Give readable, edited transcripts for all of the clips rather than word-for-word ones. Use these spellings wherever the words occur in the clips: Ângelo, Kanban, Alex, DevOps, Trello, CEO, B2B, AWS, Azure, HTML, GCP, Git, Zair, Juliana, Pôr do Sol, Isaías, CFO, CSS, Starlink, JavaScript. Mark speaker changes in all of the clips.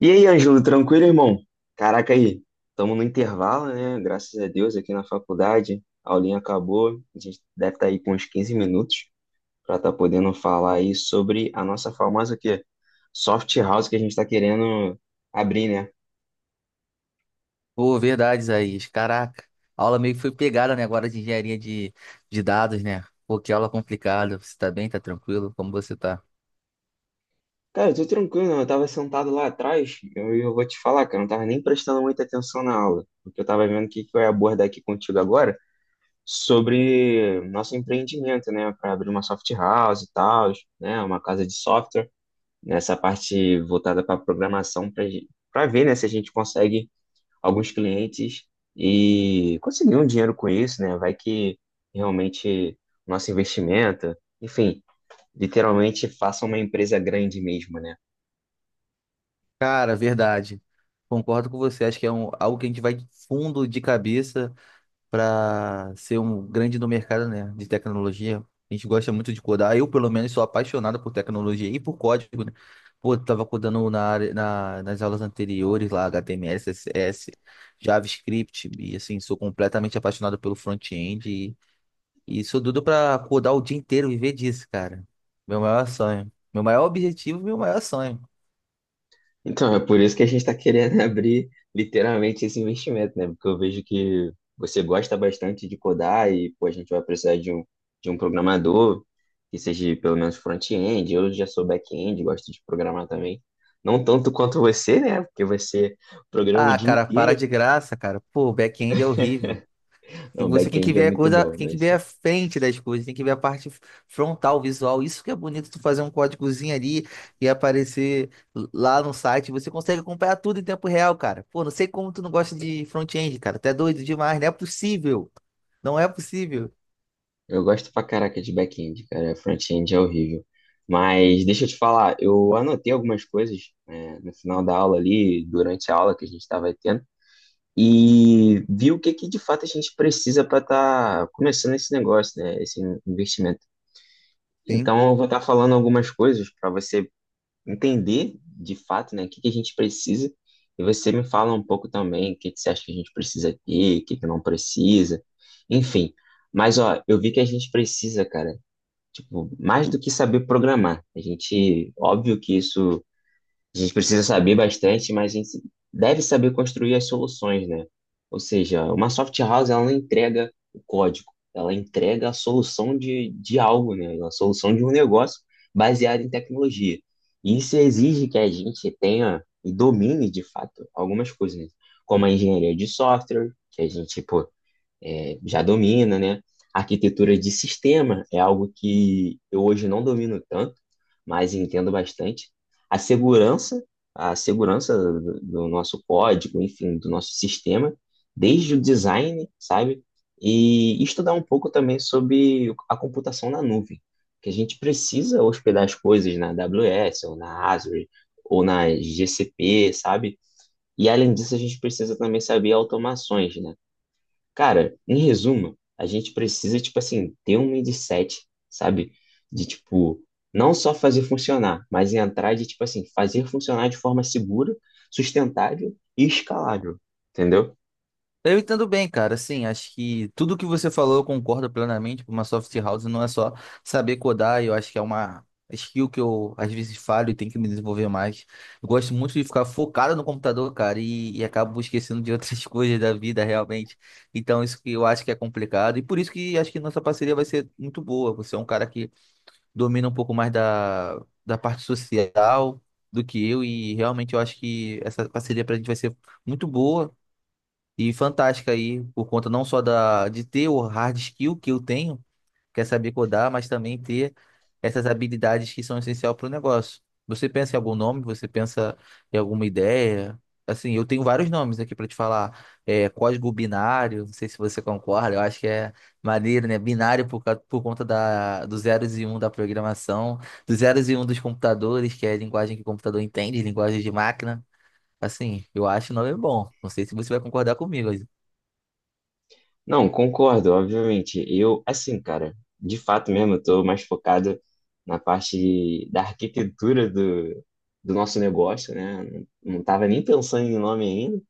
Speaker 1: E aí, Ângelo, tranquilo, irmão? Caraca aí, estamos no intervalo, né? Graças a Deus, aqui na faculdade, a aulinha acabou, a gente deve estar aí com uns 15 minutos para estar podendo falar aí sobre a nossa famosa o quê? Soft house que a gente está querendo abrir, né?
Speaker 2: Pô, verdade, Isaías. Caraca, a aula meio que foi pegada, né, agora de engenharia de dados, né? Pô, que aula complicada. Você tá bem? Tá tranquilo? Como você tá?
Speaker 1: Cara, eu tô tranquilo, eu tava sentado lá atrás, eu vou te falar, cara, eu não tava nem prestando muita atenção na aula, porque eu tava vendo o que eu ia abordar aqui contigo agora sobre nosso empreendimento, né? Para abrir uma soft house e tal, né? Uma casa de software, nessa parte voltada para programação, para ver, né, se a gente consegue alguns clientes e conseguir um dinheiro com isso, né? Vai que realmente nosso investimento, enfim, literalmente faça uma empresa grande mesmo, né?
Speaker 2: Cara, verdade. Concordo com você. Acho que é algo que a gente vai fundo de cabeça. Para ser um grande no mercado, né, de tecnologia. A gente gosta muito de codar. Eu, pelo menos, sou apaixonado por tecnologia e por código, né? Pô, eu tava codando na área, nas aulas anteriores lá, HTML, CSS, JavaScript, e assim, sou completamente apaixonado pelo front-end e sou doido para codar o dia inteiro, viver disso, cara. Meu maior sonho. Meu maior objetivo, meu maior sonho.
Speaker 1: Então, é por isso que a gente está querendo abrir literalmente esse investimento, né? Porque eu vejo que você gosta bastante de codar e pô, a gente vai precisar de um programador que seja pelo menos front-end. Eu já sou back-end, gosto de programar também. Não tanto quanto você, né? Porque você programa o
Speaker 2: Ah,
Speaker 1: dia
Speaker 2: cara, para
Speaker 1: inteiro.
Speaker 2: de graça, cara. Pô, o back-end é horrível. E
Speaker 1: Não,
Speaker 2: você tem que
Speaker 1: back-end é
Speaker 2: ver a
Speaker 1: muito
Speaker 2: coisa,
Speaker 1: bom,
Speaker 2: tem que
Speaker 1: mas
Speaker 2: ver a frente das coisas, tem que ver a parte frontal, visual. Isso que é bonito, tu fazer um códigozinho ali e aparecer lá no site. Você consegue acompanhar tudo em tempo real, cara. Pô, não sei como tu não gosta de front-end, cara. Tu é doido demais, não é possível. Não é possível.
Speaker 1: eu gosto pra caraca de back-end, cara. Front-end é horrível. Mas deixa eu te falar, eu anotei algumas coisas, né, no final da aula ali, durante a aula que a gente estava tendo, e ver o que de fato a gente precisa para estar começando esse negócio, né, esse investimento.
Speaker 2: Sim.
Speaker 1: Então, eu vou estar falando algumas coisas para você entender de fato, né, o que a gente precisa e você me fala um pouco também o que você acha que a gente precisa ter, o que não precisa, enfim. Mas, ó, eu vi que a gente precisa, cara, tipo, mais do que saber programar. A gente, óbvio que isso a gente precisa saber bastante, mas a gente deve saber construir as soluções, né? Ou seja, uma soft house, ela não entrega o código, ela entrega a solução de algo, né? A solução de um negócio baseado em tecnologia. E isso exige que a gente tenha e domine, de fato, algumas coisas, né? Como a engenharia de software, que a gente, pô, já domina, né? Arquitetura de sistema é algo que eu hoje não domino tanto, mas entendo bastante. A segurança, a segurança do nosso código, enfim, do nosso sistema, desde o design, sabe? E estudar um pouco também sobre a computação na nuvem, que a gente precisa hospedar as coisas na AWS ou na Azure ou na GCP, sabe? E além disso, a gente precisa também saber automações, né? Cara, em resumo, a gente precisa, tipo assim, ter um mindset, sabe? De, tipo, não só fazer funcionar, mas entrar de, tipo assim, fazer funcionar de forma segura, sustentável e escalável, entendeu?
Speaker 2: Eu entendo bem, cara. Assim, acho que tudo que você falou eu concordo plenamente. Uma soft house não é só saber codar, eu acho que é uma skill que eu às vezes falho e tenho que me desenvolver mais. Eu gosto muito de ficar focado no computador, cara, e acabo esquecendo de outras coisas da vida realmente. Então, isso que eu acho que é complicado e por isso que acho que nossa parceria vai ser muito boa. Você é um cara que domina um pouco mais da parte social do que eu, e realmente eu acho que essa parceria pra gente vai ser muito boa. E fantástica aí, por conta não só de ter o hard skill que eu tenho, que é saber codar, mas também ter essas habilidades que são essenciais para o negócio. Você pensa em algum nome? Você pensa em alguma ideia? Assim, eu tenho vários nomes aqui para te falar. É, código binário, não sei se você concorda, eu acho que é maneiro, né? Binário por conta dos zeros e um da programação, dos zeros e um dos computadores, que é a linguagem que o computador entende, linguagem de máquina. Assim, eu acho o nome bom. Não sei se você vai concordar comigo.
Speaker 1: Não, concordo, obviamente. Eu, assim, cara, de fato mesmo, eu tô mais focado na parte da arquitetura do nosso negócio, né? Não tava nem pensando em nome ainda.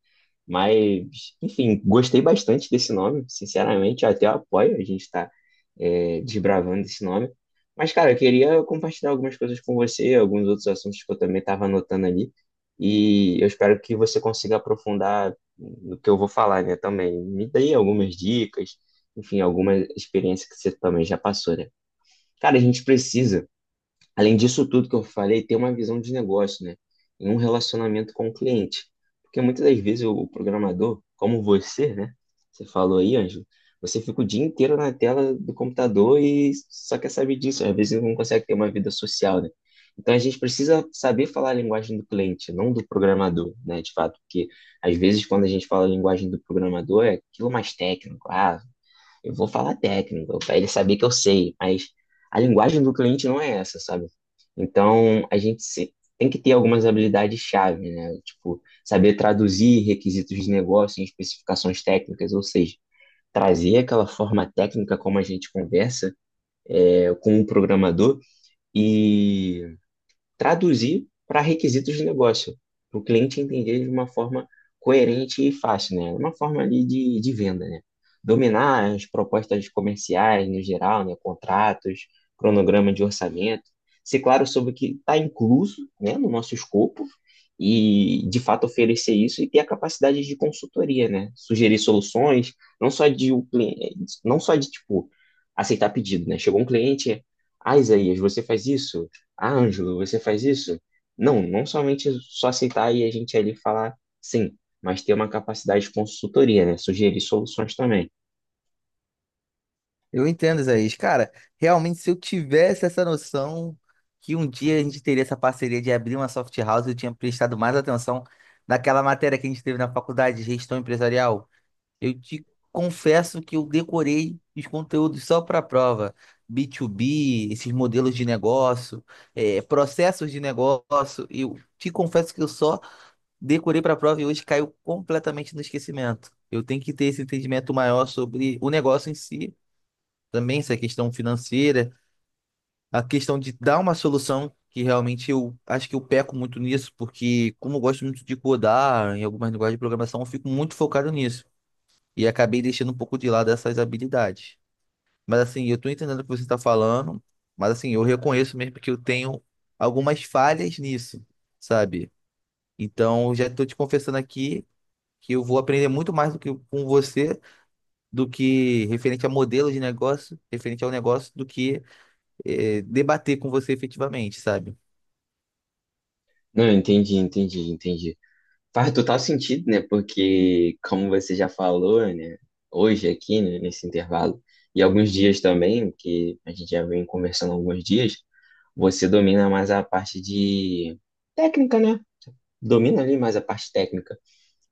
Speaker 1: Mas, enfim, gostei bastante desse nome, sinceramente, eu até apoio a gente estar desbravando esse nome. Mas, cara, eu queria compartilhar algumas coisas com você, alguns outros assuntos que eu também estava anotando ali, e eu espero que você consiga aprofundar no que eu vou falar, né, também. Me dê algumas dicas, enfim, alguma experiência que você também já passou, né? Cara, a gente precisa, além disso tudo que eu falei, ter uma visão de negócio, né? Em um relacionamento com o cliente. Porque muitas das vezes o programador, como você, né? Você falou aí, Ângelo, você fica o dia inteiro na tela do computador e só quer saber disso. Às vezes não consegue ter uma vida social, né? Então a gente precisa saber falar a linguagem do cliente, não do programador, né? De fato, porque às vezes quando a gente fala a linguagem do programador é aquilo mais técnico, ah, eu vou falar técnico, para ele saber que eu sei, mas a linguagem do cliente não é essa, sabe? Então, a gente se- tem que ter algumas habilidades-chave, né? Tipo, saber traduzir requisitos de negócio em especificações técnicas, ou seja, trazer aquela forma técnica como a gente conversa, com o programador e traduzir para requisitos de negócio, para o cliente entender de uma forma coerente e fácil, né? Uma forma ali de venda, né? Dominar as propostas comerciais no geral, né? Contratos, cronograma de orçamento, ser claro sobre o que está incluso, né? No nosso escopo e, de fato, oferecer isso e ter a capacidade de consultoria, né? Sugerir soluções, não só de, o cliente, não só de, tipo, aceitar pedido, né? Chegou um cliente, ah, Isaías, você faz isso? Ah, Ângelo, você faz isso? Não, não somente só citar e a gente ali falar sim, mas ter uma capacidade de consultoria, né? Sugerir soluções também.
Speaker 2: Eu entendo, Isaías. Cara, realmente, se eu tivesse essa noção que um dia a gente teria essa parceria de abrir uma soft house, eu tinha prestado mais atenção naquela matéria que a gente teve na faculdade de gestão empresarial. Eu te confesso que eu decorei os conteúdos só para a prova. B2B, esses modelos de negócio, processos de negócio. Eu te confesso que eu só decorei para a prova e hoje caiu completamente no esquecimento. Eu tenho que ter esse entendimento maior sobre o negócio em si, também essa questão financeira, a questão de dar uma solução, que realmente eu acho que eu peco muito nisso, porque como eu gosto muito de codar em algumas linguagens de programação, eu fico muito focado nisso. E acabei deixando um pouco de lado essas habilidades. Mas assim, eu estou entendendo o que você está falando, mas assim, eu reconheço mesmo que eu tenho algumas falhas nisso, sabe? Então, eu já estou te confessando aqui que eu vou aprender muito mais do que com você, do que referente a modelo de negócio, referente ao negócio, do que debater com você efetivamente, sabe?
Speaker 1: Não, entendi. Faz total sentido, né? Porque, como você já falou, né? Hoje aqui, né, nesse intervalo, e alguns dias também, que a gente já vem conversando há alguns dias, você domina mais a parte de técnica, né? Domina ali mais a parte técnica.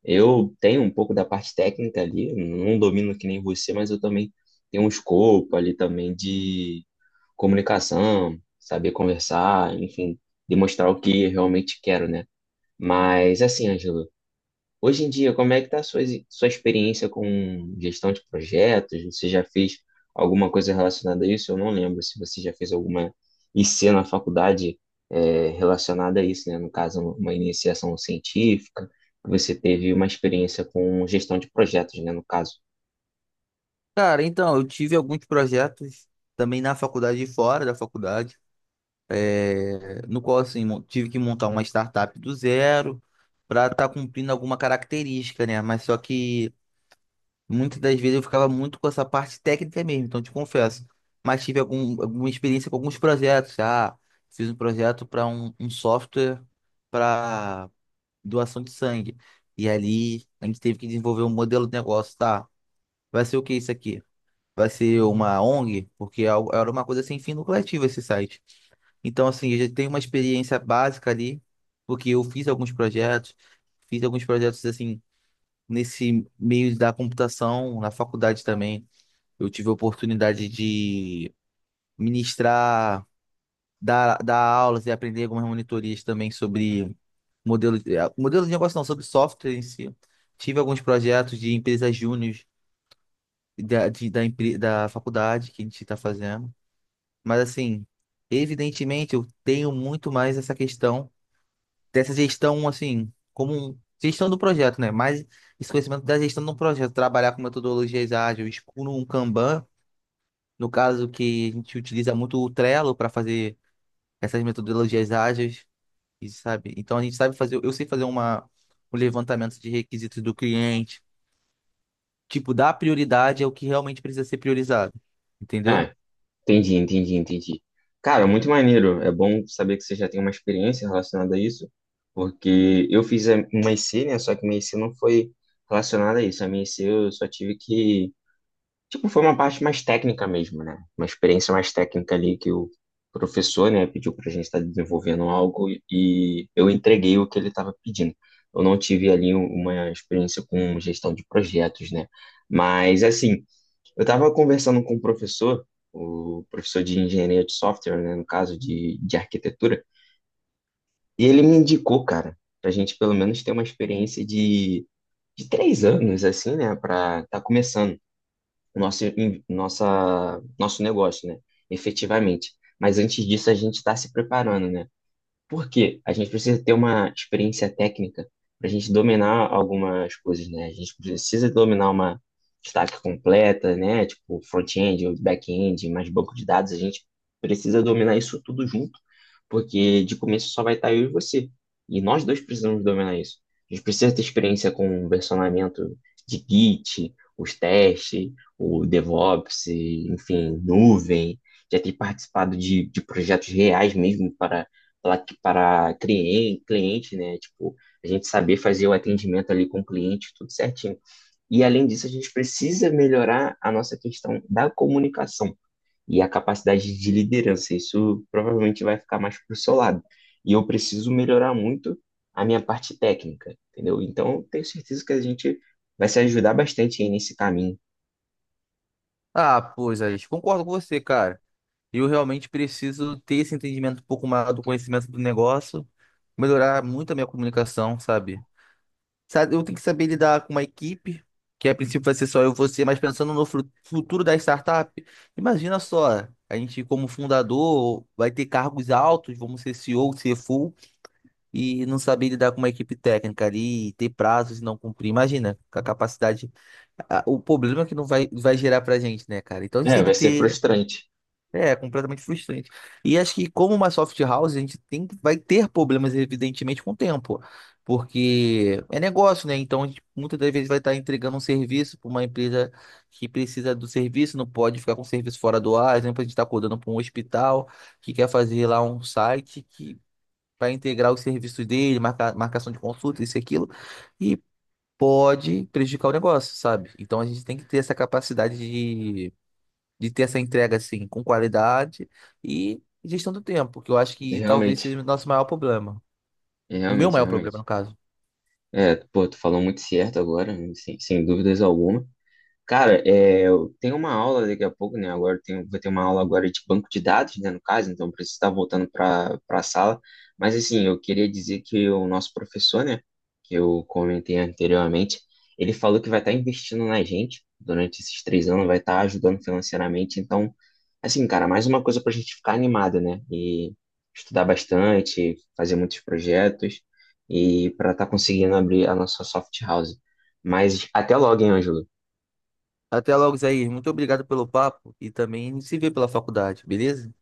Speaker 1: Eu tenho um pouco da parte técnica ali, não domino que nem você, mas eu também tenho um escopo ali também de comunicação, saber conversar, enfim, demonstrar o que eu realmente quero, né? Mas assim, Ângelo, hoje em dia, como é que está a sua experiência com gestão de projetos? Você já fez alguma coisa relacionada a isso? Eu não lembro se você já fez alguma IC na faculdade relacionada a isso, né? No caso, uma iniciação científica. Você teve uma experiência com gestão de projetos, né? No caso.
Speaker 2: Cara, então, eu tive alguns projetos também na faculdade e fora da faculdade, no qual, assim, tive que montar uma startup do zero para estar cumprindo alguma característica, né? Mas só que muitas das vezes eu ficava muito com essa parte técnica mesmo, então te confesso. Mas tive alguma experiência com alguns projetos. Ah, fiz um projeto para um software para doação de sangue. E ali a gente teve que desenvolver um modelo de negócio, tá? Vai ser o que isso aqui? Vai ser uma ONG? Porque era uma coisa sem fim lucrativo esse site. Então, assim, eu já tenho uma experiência básica ali, porque eu fiz alguns projetos, assim, nesse meio da computação, na faculdade também. Eu tive a oportunidade de ministrar, dar aulas e aprender algumas monitorias também sobre modelo de negócio, não, sobre software em si. Tive alguns projetos de empresas júnior da, de- da, empre- da faculdade que a gente está fazendo. Mas, assim, evidentemente, eu tenho muito mais essa questão dessa gestão, assim, como gestão do projeto, né? Mais esse conhecimento da gestão do projeto, trabalhar com metodologias ágeis, com um Kanban, no caso que a gente utiliza muito o Trello para fazer essas metodologias ágeis, e sabe? Então, a gente sabe fazer, eu sei fazer um levantamento de requisitos do cliente, tipo, dar prioridade ao que realmente precisa ser priorizado,
Speaker 1: Ah,
Speaker 2: entendeu?
Speaker 1: entendi. Cara, muito maneiro. É bom saber que você já tem uma experiência relacionada a isso, porque eu fiz a minha IC, né? Só que minha IC não foi relacionada a isso. A minha IC eu só tive que. Tipo, foi uma parte mais técnica mesmo, né? Uma experiência mais técnica ali que o professor, né, pediu pra gente estar desenvolvendo algo e eu entreguei o que ele estava pedindo. Eu não tive ali uma experiência com gestão de projetos, né? Mas, assim, eu estava conversando com o professor de engenharia de software, né, no caso de arquitetura, e ele me indicou, cara, para a gente pelo menos ter uma experiência de 3 anos, assim, né, para estar começando o nosso negócio, né, efetivamente. Mas antes disso, a gente está se preparando, né? Por quê? A gente precisa ter uma experiência técnica para a gente dominar algumas coisas, né? A gente precisa dominar uma stack completa, né? Tipo front-end ou back-end, mais banco de dados. A gente precisa dominar isso tudo junto, porque de começo só vai estar eu e você. E nós dois precisamos dominar isso. A gente precisa ter experiência com o versionamento de Git, os testes, o DevOps, enfim, nuvem. Já ter participado de projetos reais mesmo para lá que para cliente, né? Tipo, a gente saber fazer o atendimento ali com o cliente, tudo certinho. E além disso, a gente precisa melhorar a nossa questão da comunicação e a capacidade de liderança. Isso provavelmente vai ficar mais pro seu lado. E eu preciso melhorar muito a minha parte técnica, entendeu? Então, eu tenho certeza que a gente vai se ajudar bastante aí nesse caminho.
Speaker 2: Ah, pois, Alex, concordo com você, cara. Eu realmente preciso ter esse entendimento um pouco maior do conhecimento do negócio, melhorar muito a minha comunicação, sabe? Sabe, eu tenho que saber lidar com uma equipe, que a princípio vai ser só eu e você, mas pensando no futuro da startup. Imagina só, a gente como fundador vai ter cargos altos, vamos ser CEO, CFO, e não saber lidar com uma equipe técnica ali, e ter prazos e não cumprir. Imagina, com a capacidade o problema que não vai, vai gerar pra gente, né, cara? Então, a gente
Speaker 1: É,
Speaker 2: tem que
Speaker 1: vai ser
Speaker 2: ter.
Speaker 1: frustrante,
Speaker 2: É, completamente frustrante. E acho que como uma soft house, a gente vai ter problemas, evidentemente, com o tempo. Porque é negócio, né? Então, a gente muitas das vezes vai estar entregando um serviço para uma empresa que precisa do serviço, não pode ficar com o serviço fora do ar. Por exemplo, a gente está acordando para um hospital que quer fazer lá um site que para integrar os serviços dele, marcação de consulta, isso e aquilo, e pode prejudicar o negócio, sabe? Então, a gente tem que ter essa capacidade de ter essa entrega assim com qualidade e gestão do tempo, que eu acho que talvez
Speaker 1: realmente,
Speaker 2: seja o nosso maior problema. O meu
Speaker 1: realmente,
Speaker 2: maior
Speaker 1: realmente.
Speaker 2: problema, no caso.
Speaker 1: É, pô, tu falou muito certo agora, sem dúvidas alguma. Cara, é, eu tenho uma aula daqui a pouco, né? Agora eu tenho, vou ter uma aula agora de banco de dados, né? No caso, então eu preciso estar voltando para a sala. Mas assim, eu queria dizer que o nosso professor, né? Que eu comentei anteriormente, ele falou que vai estar investindo na gente durante esses 3 anos, vai estar ajudando financeiramente. Então, assim, cara, mais uma coisa para a gente ficar animado, né? E estudar bastante, fazer muitos projetos e para estar conseguindo abrir a nossa soft house. Mas até logo, hein, Ângelo?
Speaker 2: Até logo, Zair. Muito obrigado pelo papo e também se vê pela faculdade, beleza?